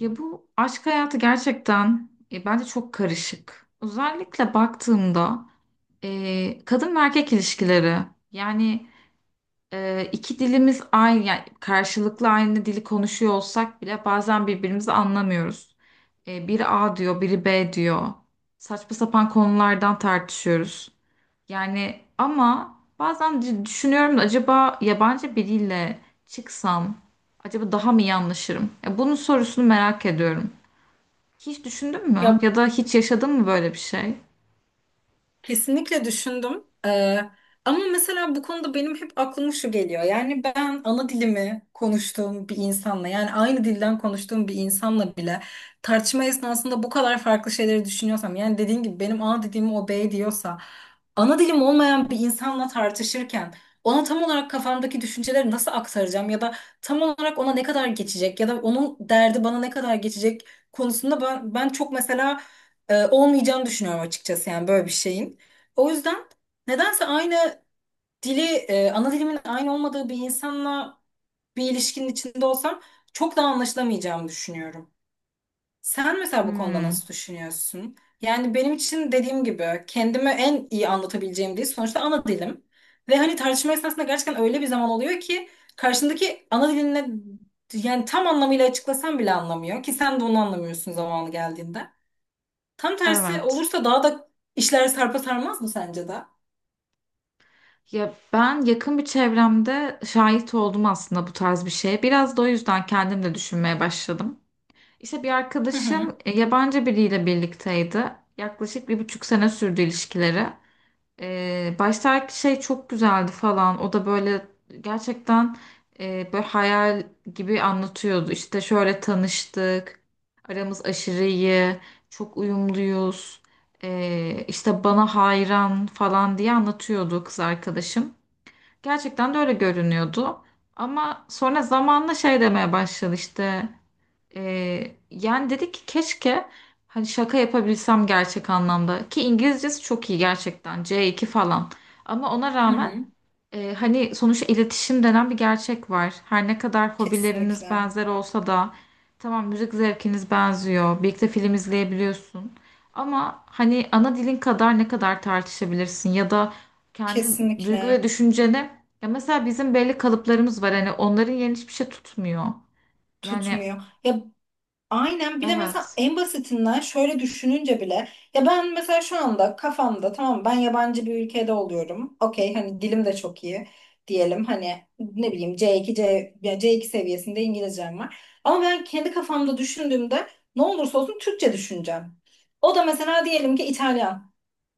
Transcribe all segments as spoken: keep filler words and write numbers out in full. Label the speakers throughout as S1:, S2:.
S1: Ya bu aşk hayatı gerçekten e, bence çok karışık. Özellikle baktığımda e, kadın ve erkek ilişkileri yani e, iki dilimiz aynı, yani karşılıklı aynı dili konuşuyor olsak bile bazen birbirimizi anlamıyoruz. E, biri A diyor, biri B diyor. Saçma sapan konulardan tartışıyoruz. Yani ama bazen d- düşünüyorum da acaba yabancı biriyle çıksam acaba daha mı iyi anlaşırım? Ya bunun sorusunu merak ediyorum. Hiç düşündün mü?
S2: Ya,
S1: Ya da hiç yaşadın mı böyle bir şey?
S2: kesinlikle düşündüm. Ee, ama mesela bu konuda benim hep aklıma şu geliyor. Yani ben ana dilimi konuştuğum bir insanla yani aynı dilden konuştuğum bir insanla bile tartışma esnasında bu kadar farklı şeyleri düşünüyorsam, yani dediğin gibi benim ana dilimi o bey diyorsa, ana dilim olmayan bir insanla tartışırken ona tam olarak kafamdaki düşünceleri nasıl aktaracağım, ya da tam olarak ona ne kadar geçecek ya da onun derdi bana ne kadar geçecek konusunda ben, ben çok mesela e, olmayacağını düşünüyorum açıkçası, yani böyle bir şeyin. O yüzden nedense aynı dili, e, ana dilimin aynı olmadığı bir insanla bir ilişkinin içinde olsam çok daha anlaşılamayacağımı düşünüyorum. Sen mesela bu konuda
S1: Hmm,
S2: nasıl düşünüyorsun? Yani benim için dediğim gibi kendimi en iyi anlatabileceğim dil sonuçta ana dilim. Ve hani tartışma esnasında gerçekten öyle bir zaman oluyor ki karşındaki ana diline yani tam anlamıyla açıklasan bile anlamıyor ki, sen de onu anlamıyorsun zamanı geldiğinde. Tam tersi
S1: evet.
S2: olursa daha da işler sarpa sarmaz mı sence de?
S1: Ya ben yakın bir çevremde şahit oldum aslında bu tarz bir şeye. Biraz da o yüzden kendim de düşünmeye başladım. İşte bir
S2: Hı
S1: arkadaşım
S2: hı.
S1: e, yabancı biriyle birlikteydi. Yaklaşık bir buçuk sene sürdü ilişkileri. Ee, baştaki şey çok güzeldi falan. O da böyle gerçekten e, böyle hayal gibi anlatıyordu. İşte şöyle tanıştık. Aramız aşırı iyi. Çok uyumluyuz. Ee, işte bana hayran falan diye anlatıyordu kız arkadaşım. Gerçekten de öyle görünüyordu. Ama sonra zamanla şey demeye başladı işte. Ee, yani dedi ki keşke hani şaka yapabilsem gerçek anlamda, ki İngilizcesi çok iyi gerçekten, C iki falan, ama ona
S2: Hı
S1: rağmen
S2: hı.
S1: e, hani sonuçta iletişim denen bir gerçek var. Her ne kadar hobileriniz
S2: Kesinlikle.
S1: benzer olsa da, tamam, müzik zevkiniz benziyor, birlikte film izleyebiliyorsun, ama hani ana dilin kadar ne kadar tartışabilirsin ya da kendi duygu ve
S2: Kesinlikle
S1: düşünceni, ya mesela bizim belli kalıplarımız var, hani onların yerini hiçbir şey tutmuyor yani.
S2: tutmuyor. Ya, aynen. Bir de mesela
S1: Evet.
S2: en basitinden şöyle düşününce bile, ya ben mesela şu anda kafamda tamam, ben yabancı bir ülkede oluyorum. Okey, hani dilim de çok iyi diyelim, hani ne bileyim ce iki, C, ya ce iki seviyesinde İngilizcem var. Ama ben kendi kafamda düşündüğümde ne olursa olsun Türkçe düşüneceğim. O da mesela diyelim ki İtalyan.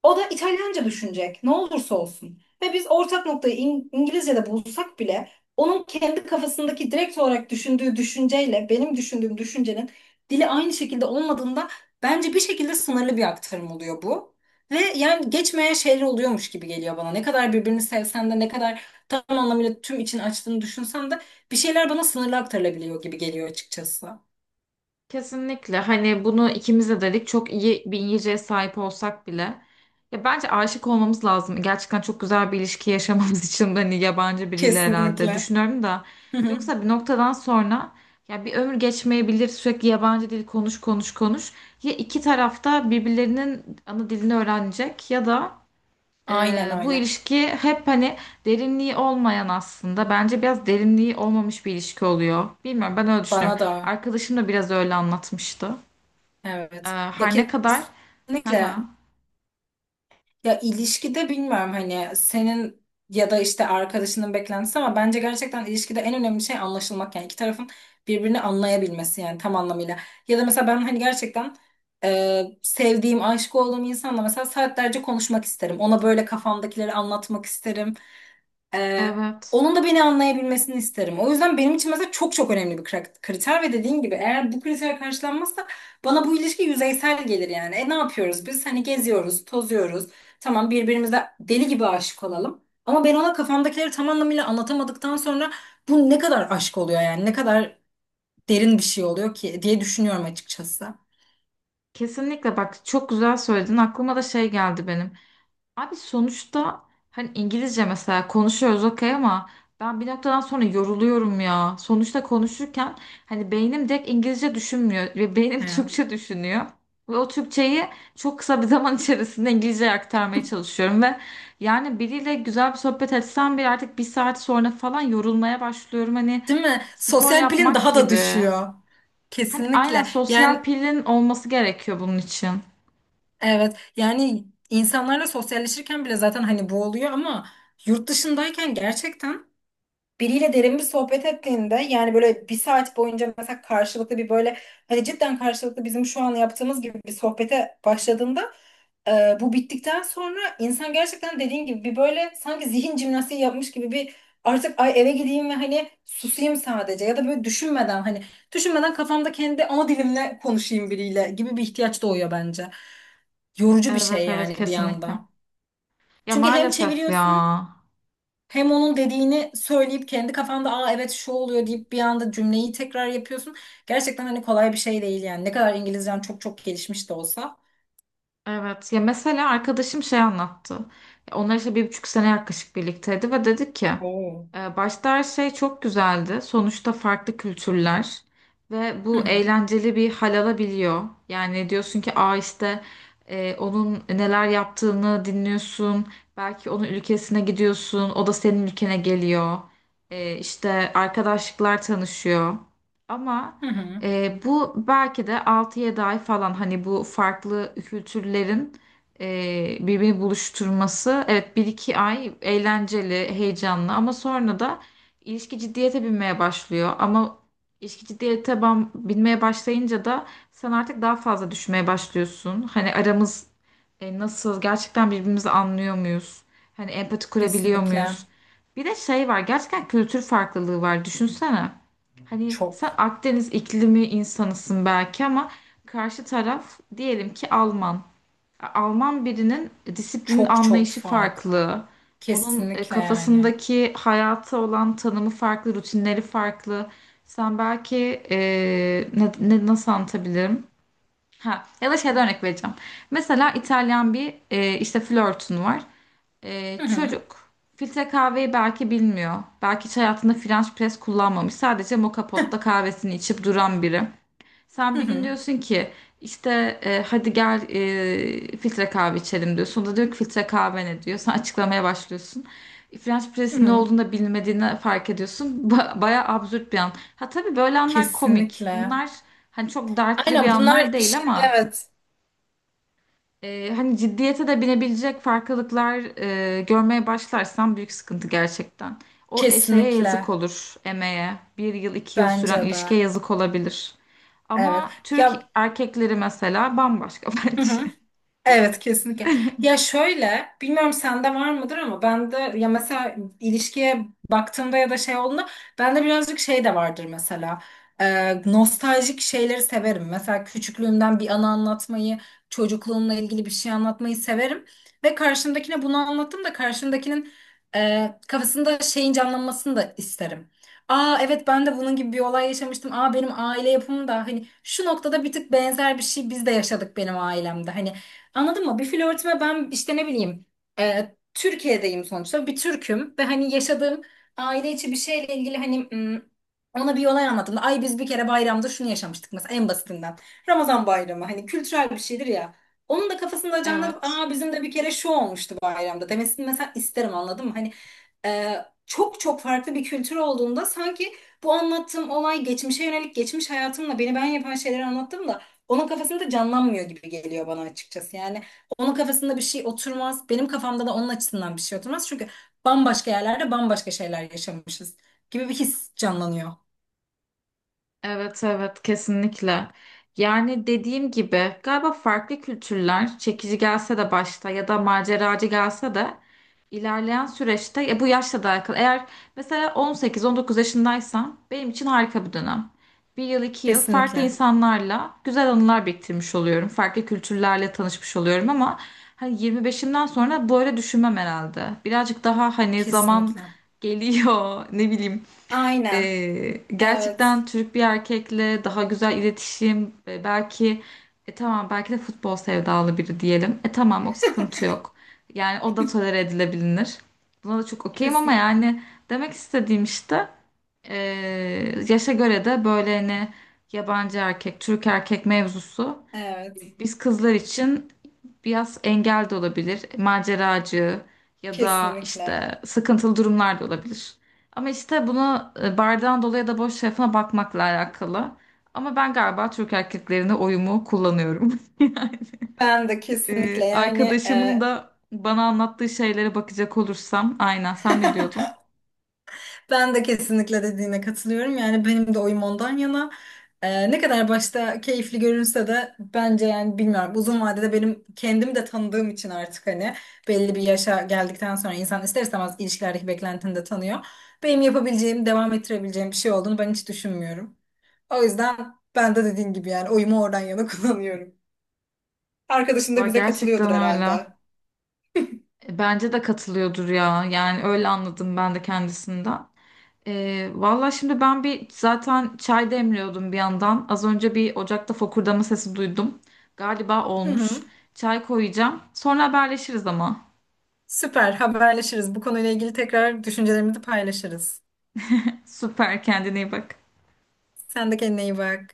S2: O da İtalyanca düşünecek ne olursa olsun. Ve biz ortak noktayı İng- İngilizce'de bulsak bile onun kendi kafasındaki direkt olarak düşündüğü düşünceyle benim düşündüğüm düşüncenin dili aynı şekilde olmadığında bence bir şekilde sınırlı bir aktarım oluyor bu. Ve yani geçmeyen şeyler oluyormuş gibi geliyor bana. Ne kadar birbirini sevsen de, ne kadar tam anlamıyla tüm için açtığını düşünsen de bir şeyler bana sınırlı aktarılabiliyor gibi geliyor açıkçası.
S1: Kesinlikle, hani bunu ikimiz de dedik, çok iyi bir İngilizceye sahip olsak bile, ya bence aşık olmamız lazım gerçekten çok güzel bir ilişki yaşamamız için de, hani yabancı biriyle, herhalde
S2: Kesinlikle.
S1: düşünüyorum da,
S2: Hı hı.
S1: yoksa bir noktadan sonra ya bir ömür geçmeyebilir, sürekli yabancı dil konuş konuş konuş. Ya iki tarafta birbirlerinin ana dilini öğrenecek ya da
S2: Aynen
S1: ee, bu
S2: öyle.
S1: ilişki hep hani derinliği olmayan, aslında bence biraz derinliği olmamış bir ilişki oluyor. Bilmiyorum, ben öyle düşünüyorum.
S2: Bana da,
S1: Arkadaşım da biraz öyle anlatmıştı. Ee,
S2: evet. Ya,
S1: her ne kadar. Hı
S2: kesinlikle.
S1: hı.
S2: Ya, ilişkide bilmiyorum hani senin ya da işte arkadaşının beklentisi, ama bence gerçekten ilişkide en önemli şey anlaşılmak, yani iki tarafın birbirini anlayabilmesi yani tam anlamıyla. Ya da mesela ben hani gerçekten e, sevdiğim, aşık olduğum insanla mesela saatlerce konuşmak isterim. Ona böyle kafamdakileri anlatmak isterim. Ee,
S1: Evet.
S2: onun da beni anlayabilmesini isterim. O yüzden benim için mesela çok çok önemli bir kra- kriter ve dediğin gibi eğer bu kriter karşılanmazsa bana bu ilişki yüzeysel gelir yani. E, ne yapıyoruz biz? Hani geziyoruz, tozuyoruz. Tamam, birbirimize deli gibi aşık olalım. Ama ben ona kafamdakileri tam anlamıyla anlatamadıktan sonra bu ne kadar aşk oluyor yani? Ne kadar derin bir şey oluyor ki diye düşünüyorum açıkçası.
S1: Kesinlikle bak, çok güzel söyledin. Aklıma da şey geldi benim. Abi sonuçta hani İngilizce mesela konuşuyoruz, okey, ama ben bir noktadan sonra yoruluyorum ya. Sonuçta konuşurken hani beynim direkt İngilizce düşünmüyor ve beynim
S2: Evet.
S1: Türkçe düşünüyor. Ve o Türkçeyi çok kısa bir zaman içerisinde İngilizceye aktarmaya çalışıyorum ve yani biriyle güzel bir sohbet etsem bile artık bir saat sonra falan yorulmaya başlıyorum. Hani
S2: Değil mi?
S1: spor
S2: Sosyal pilin
S1: yapmak
S2: daha da
S1: gibi.
S2: düşüyor.
S1: Hani aynen,
S2: Kesinlikle.
S1: sosyal
S2: Yani
S1: pilin olması gerekiyor bunun için.
S2: evet, yani insanlarla sosyalleşirken bile zaten hani bu oluyor ama yurt dışındayken gerçekten biriyle derin bir sohbet ettiğinde, yani böyle bir saat boyunca mesela karşılıklı bir böyle, hani cidden karşılıklı bizim şu an yaptığımız gibi bir sohbete başladığında e, bu bittikten sonra insan gerçekten dediğin gibi bir böyle sanki zihin jimnastiği yapmış gibi bir, artık ay eve gideyim ve hani susayım sadece ya da böyle düşünmeden, hani düşünmeden kafamda kendi ana dilimle konuşayım biriyle gibi bir ihtiyaç doğuyor bence. Yorucu bir
S1: Evet
S2: şey
S1: evet,
S2: yani bir
S1: kesinlikle.
S2: yanda.
S1: Ya
S2: Çünkü hem
S1: maalesef ya.
S2: çeviriyorsun hem onun dediğini söyleyip kendi kafanda, aa evet şu oluyor deyip bir anda cümleyi tekrar yapıyorsun. Gerçekten hani kolay bir şey değil yani. Ne kadar İngilizcen çok çok gelişmiş de olsa.
S1: Evet, ya mesela arkadaşım şey anlattı. Onlar işte bir buçuk sene yaklaşık birlikteydi ve dedik ki
S2: Oo.
S1: e, başta her şey çok güzeldi. Sonuçta farklı kültürler ve
S2: Hı
S1: bu
S2: hı.
S1: eğlenceli bir hal alabiliyor. Yani diyorsun ki, aa işte e, onun neler yaptığını dinliyorsun. Belki onun ülkesine gidiyorsun, o da senin ülkene geliyor. E, işte arkadaşlıklar tanışıyor. Ama
S2: Hı hı.
S1: e, bu belki de altı yedi ay falan, hani bu farklı kültürlerin e, birbirini buluşturması. Evet, bir iki ay eğlenceli, heyecanlı, ama sonra da ilişki ciddiyete binmeye başlıyor. Ama ilişki ciddiyete ban- binmeye başlayınca da sen artık daha fazla düşmeye başlıyorsun. Hani aramız, e, nasıl, gerçekten birbirimizi anlıyor muyuz? Hani empati kurabiliyor muyuz?
S2: Kesinlikle
S1: Bir de şey var, gerçekten kültür farklılığı var, düşünsene. Hani sen
S2: çok
S1: Akdeniz iklimi insanısın belki, ama karşı taraf diyelim ki Alman. Alman birinin disiplinin
S2: çok çok
S1: anlayışı
S2: farklı.
S1: farklı. Onun e,
S2: Kesinlikle yani.
S1: kafasındaki hayata olan tanımı farklı, rutinleri farklı. Sen belki e, ne, ne- nasıl anlatabilirim? Ha, ya da şeyden örnek vereceğim. Mesela İtalyan bir e, işte flörtün var. Ee,
S2: Hı hı.
S1: çocuk filtre kahveyi belki bilmiyor. Belki hiç hayatında French press kullanmamış. Sadece moka potta kahvesini içip duran biri.
S2: Hı
S1: Sen bir gün
S2: hı.
S1: diyorsun ki işte e, hadi gel e, filtre kahve içelim diyorsun. O da diyor ki filtre kahve ne, diyor. Sen açıklamaya başlıyorsun. French
S2: Hı
S1: press'in ne
S2: hı.
S1: olduğunu da bilmediğini fark ediyorsun. Ba bayağı absürt bir an. Ha tabii, böyle anlar komik.
S2: Kesinlikle.
S1: Bunlar hani çok dertli bir
S2: Aynen,
S1: anlar
S2: bunlar
S1: değil,
S2: işin
S1: ama
S2: evet.
S1: ee, hani ciddiyete de binebilecek farklılıklar e, görmeye başlarsan, büyük sıkıntı gerçekten. O e, yazık
S2: Kesinlikle.
S1: olur emeğe. Bir yıl, iki yıl süren
S2: Bence de.
S1: ilişkiye yazık olabilir.
S2: Evet.
S1: Ama Türk
S2: Ya,
S1: erkekleri mesela bambaşka
S2: hı hı.
S1: bence.
S2: Evet, kesinlikle. Ya şöyle, bilmiyorum sende var mıdır ama bende, ya mesela ilişkiye baktığımda ya da şey olduğunda bende birazcık şey de vardır mesela. Ee, nostaljik şeyleri severim. Mesela küçüklüğümden bir anı anlatmayı, çocukluğumla ilgili bir şey anlatmayı severim. Ve karşımdakine bunu anlattım da karşımdakinin e, kafasında şeyin canlanmasını da isterim. Aa evet, ben de bunun gibi bir olay yaşamıştım. Aa benim aile yapım da hani şu noktada bir tık benzer bir şey biz de yaşadık benim ailemde. Hani anladın mı? Bir flörtüme ben işte ne bileyim, e, Türkiye'deyim sonuçta, bir Türk'üm ve hani yaşadığım aile içi bir şeyle ilgili hani m, ona bir olay anlattım. Ay, biz bir kere bayramda şunu yaşamıştık mesela en basitinden. Ramazan bayramı hani kültürel bir şeydir ya. Onun da kafasında canlanıp
S1: Evet.
S2: aa bizim de bir kere şu olmuştu bayramda demesini mesela isterim, anladın mı? Hani e, çok çok farklı bir kültür olduğunda sanki bu anlattığım olay, geçmişe yönelik geçmiş hayatımla beni ben yapan şeyleri anlattım da onun kafasında canlanmıyor gibi geliyor bana açıkçası. Yani onun kafasında bir şey oturmaz. Benim kafamda da onun açısından bir şey oturmaz. Çünkü bambaşka yerlerde bambaşka şeyler yaşamışız gibi bir his canlanıyor.
S1: Evet evet, kesinlikle. Yani dediğim gibi galiba farklı kültürler çekici gelse de başta, ya da maceracı gelse de, ilerleyen süreçte ya, bu yaşla da alakalı. Eğer mesela on sekiz on dokuz yaşındaysam, benim için harika bir dönem. Bir yıl iki yıl farklı
S2: Kesinlikle.
S1: insanlarla güzel anılar biriktirmiş oluyorum. Farklı kültürlerle tanışmış oluyorum, ama hani yirmi beşimden sonra böyle düşünmem herhalde. Birazcık daha hani zaman
S2: Kesinlikle.
S1: geliyor ne bileyim,
S2: Aynen.
S1: ee,
S2: Evet.
S1: gerçekten Türk bir erkekle daha güzel iletişim, e, belki, e, tamam, belki de futbol sevdalı biri diyelim. E tamam, o sıkıntı yok. Yani o da tolere edilebilir. Buna da çok okeyim, ama
S2: Kesinlikle.
S1: yani demek istediğim işte e, yaşa göre de böyle hani yabancı erkek, Türk erkek mevzusu
S2: Evet.
S1: biz kızlar için biraz engel de olabilir. Maceracı ya da
S2: Kesinlikle.
S1: işte sıkıntılı durumlar da olabilir. Ama işte bunu e, bardağın dolu ya da boş tarafına bakmakla alakalı. Ama ben galiba Türk erkeklerine oyumu kullanıyorum.
S2: Ben de kesinlikle
S1: E,
S2: yani.
S1: arkadaşımın da bana anlattığı şeylere bakacak olursam, aynen, sen ne diyordun?
S2: Ben de kesinlikle dediğine katılıyorum. Yani benim de oyum ondan yana. Ee, ne kadar başta keyifli görünse de bence yani, bilmiyorum, uzun vadede benim kendim de tanıdığım için artık hani belli bir yaşa geldikten sonra insan ister istemez ilişkilerdeki beklentini de tanıyor. Benim yapabileceğim, devam ettirebileceğim bir şey olduğunu ben hiç düşünmüyorum. O yüzden ben de dediğin gibi yani oyumu oradan yana kullanıyorum. Arkadaşın
S1: Va,
S2: da bize
S1: gerçekten
S2: katılıyordur
S1: öyle.
S2: herhalde.
S1: E, bence de katılıyordur ya. Yani öyle anladım ben de kendisinden. Ee, valla şimdi ben bir zaten çay demliyordum bir yandan. Az önce bir ocakta fokurdama sesi duydum. Galiba
S2: Hı
S1: olmuş.
S2: hı.
S1: Çay koyacağım. Sonra haberleşiriz ama.
S2: Süper, haberleşiriz. Bu konuyla ilgili tekrar düşüncelerimizi paylaşırız.
S1: Süper, kendine iyi bak.
S2: Sen de kendine iyi bak.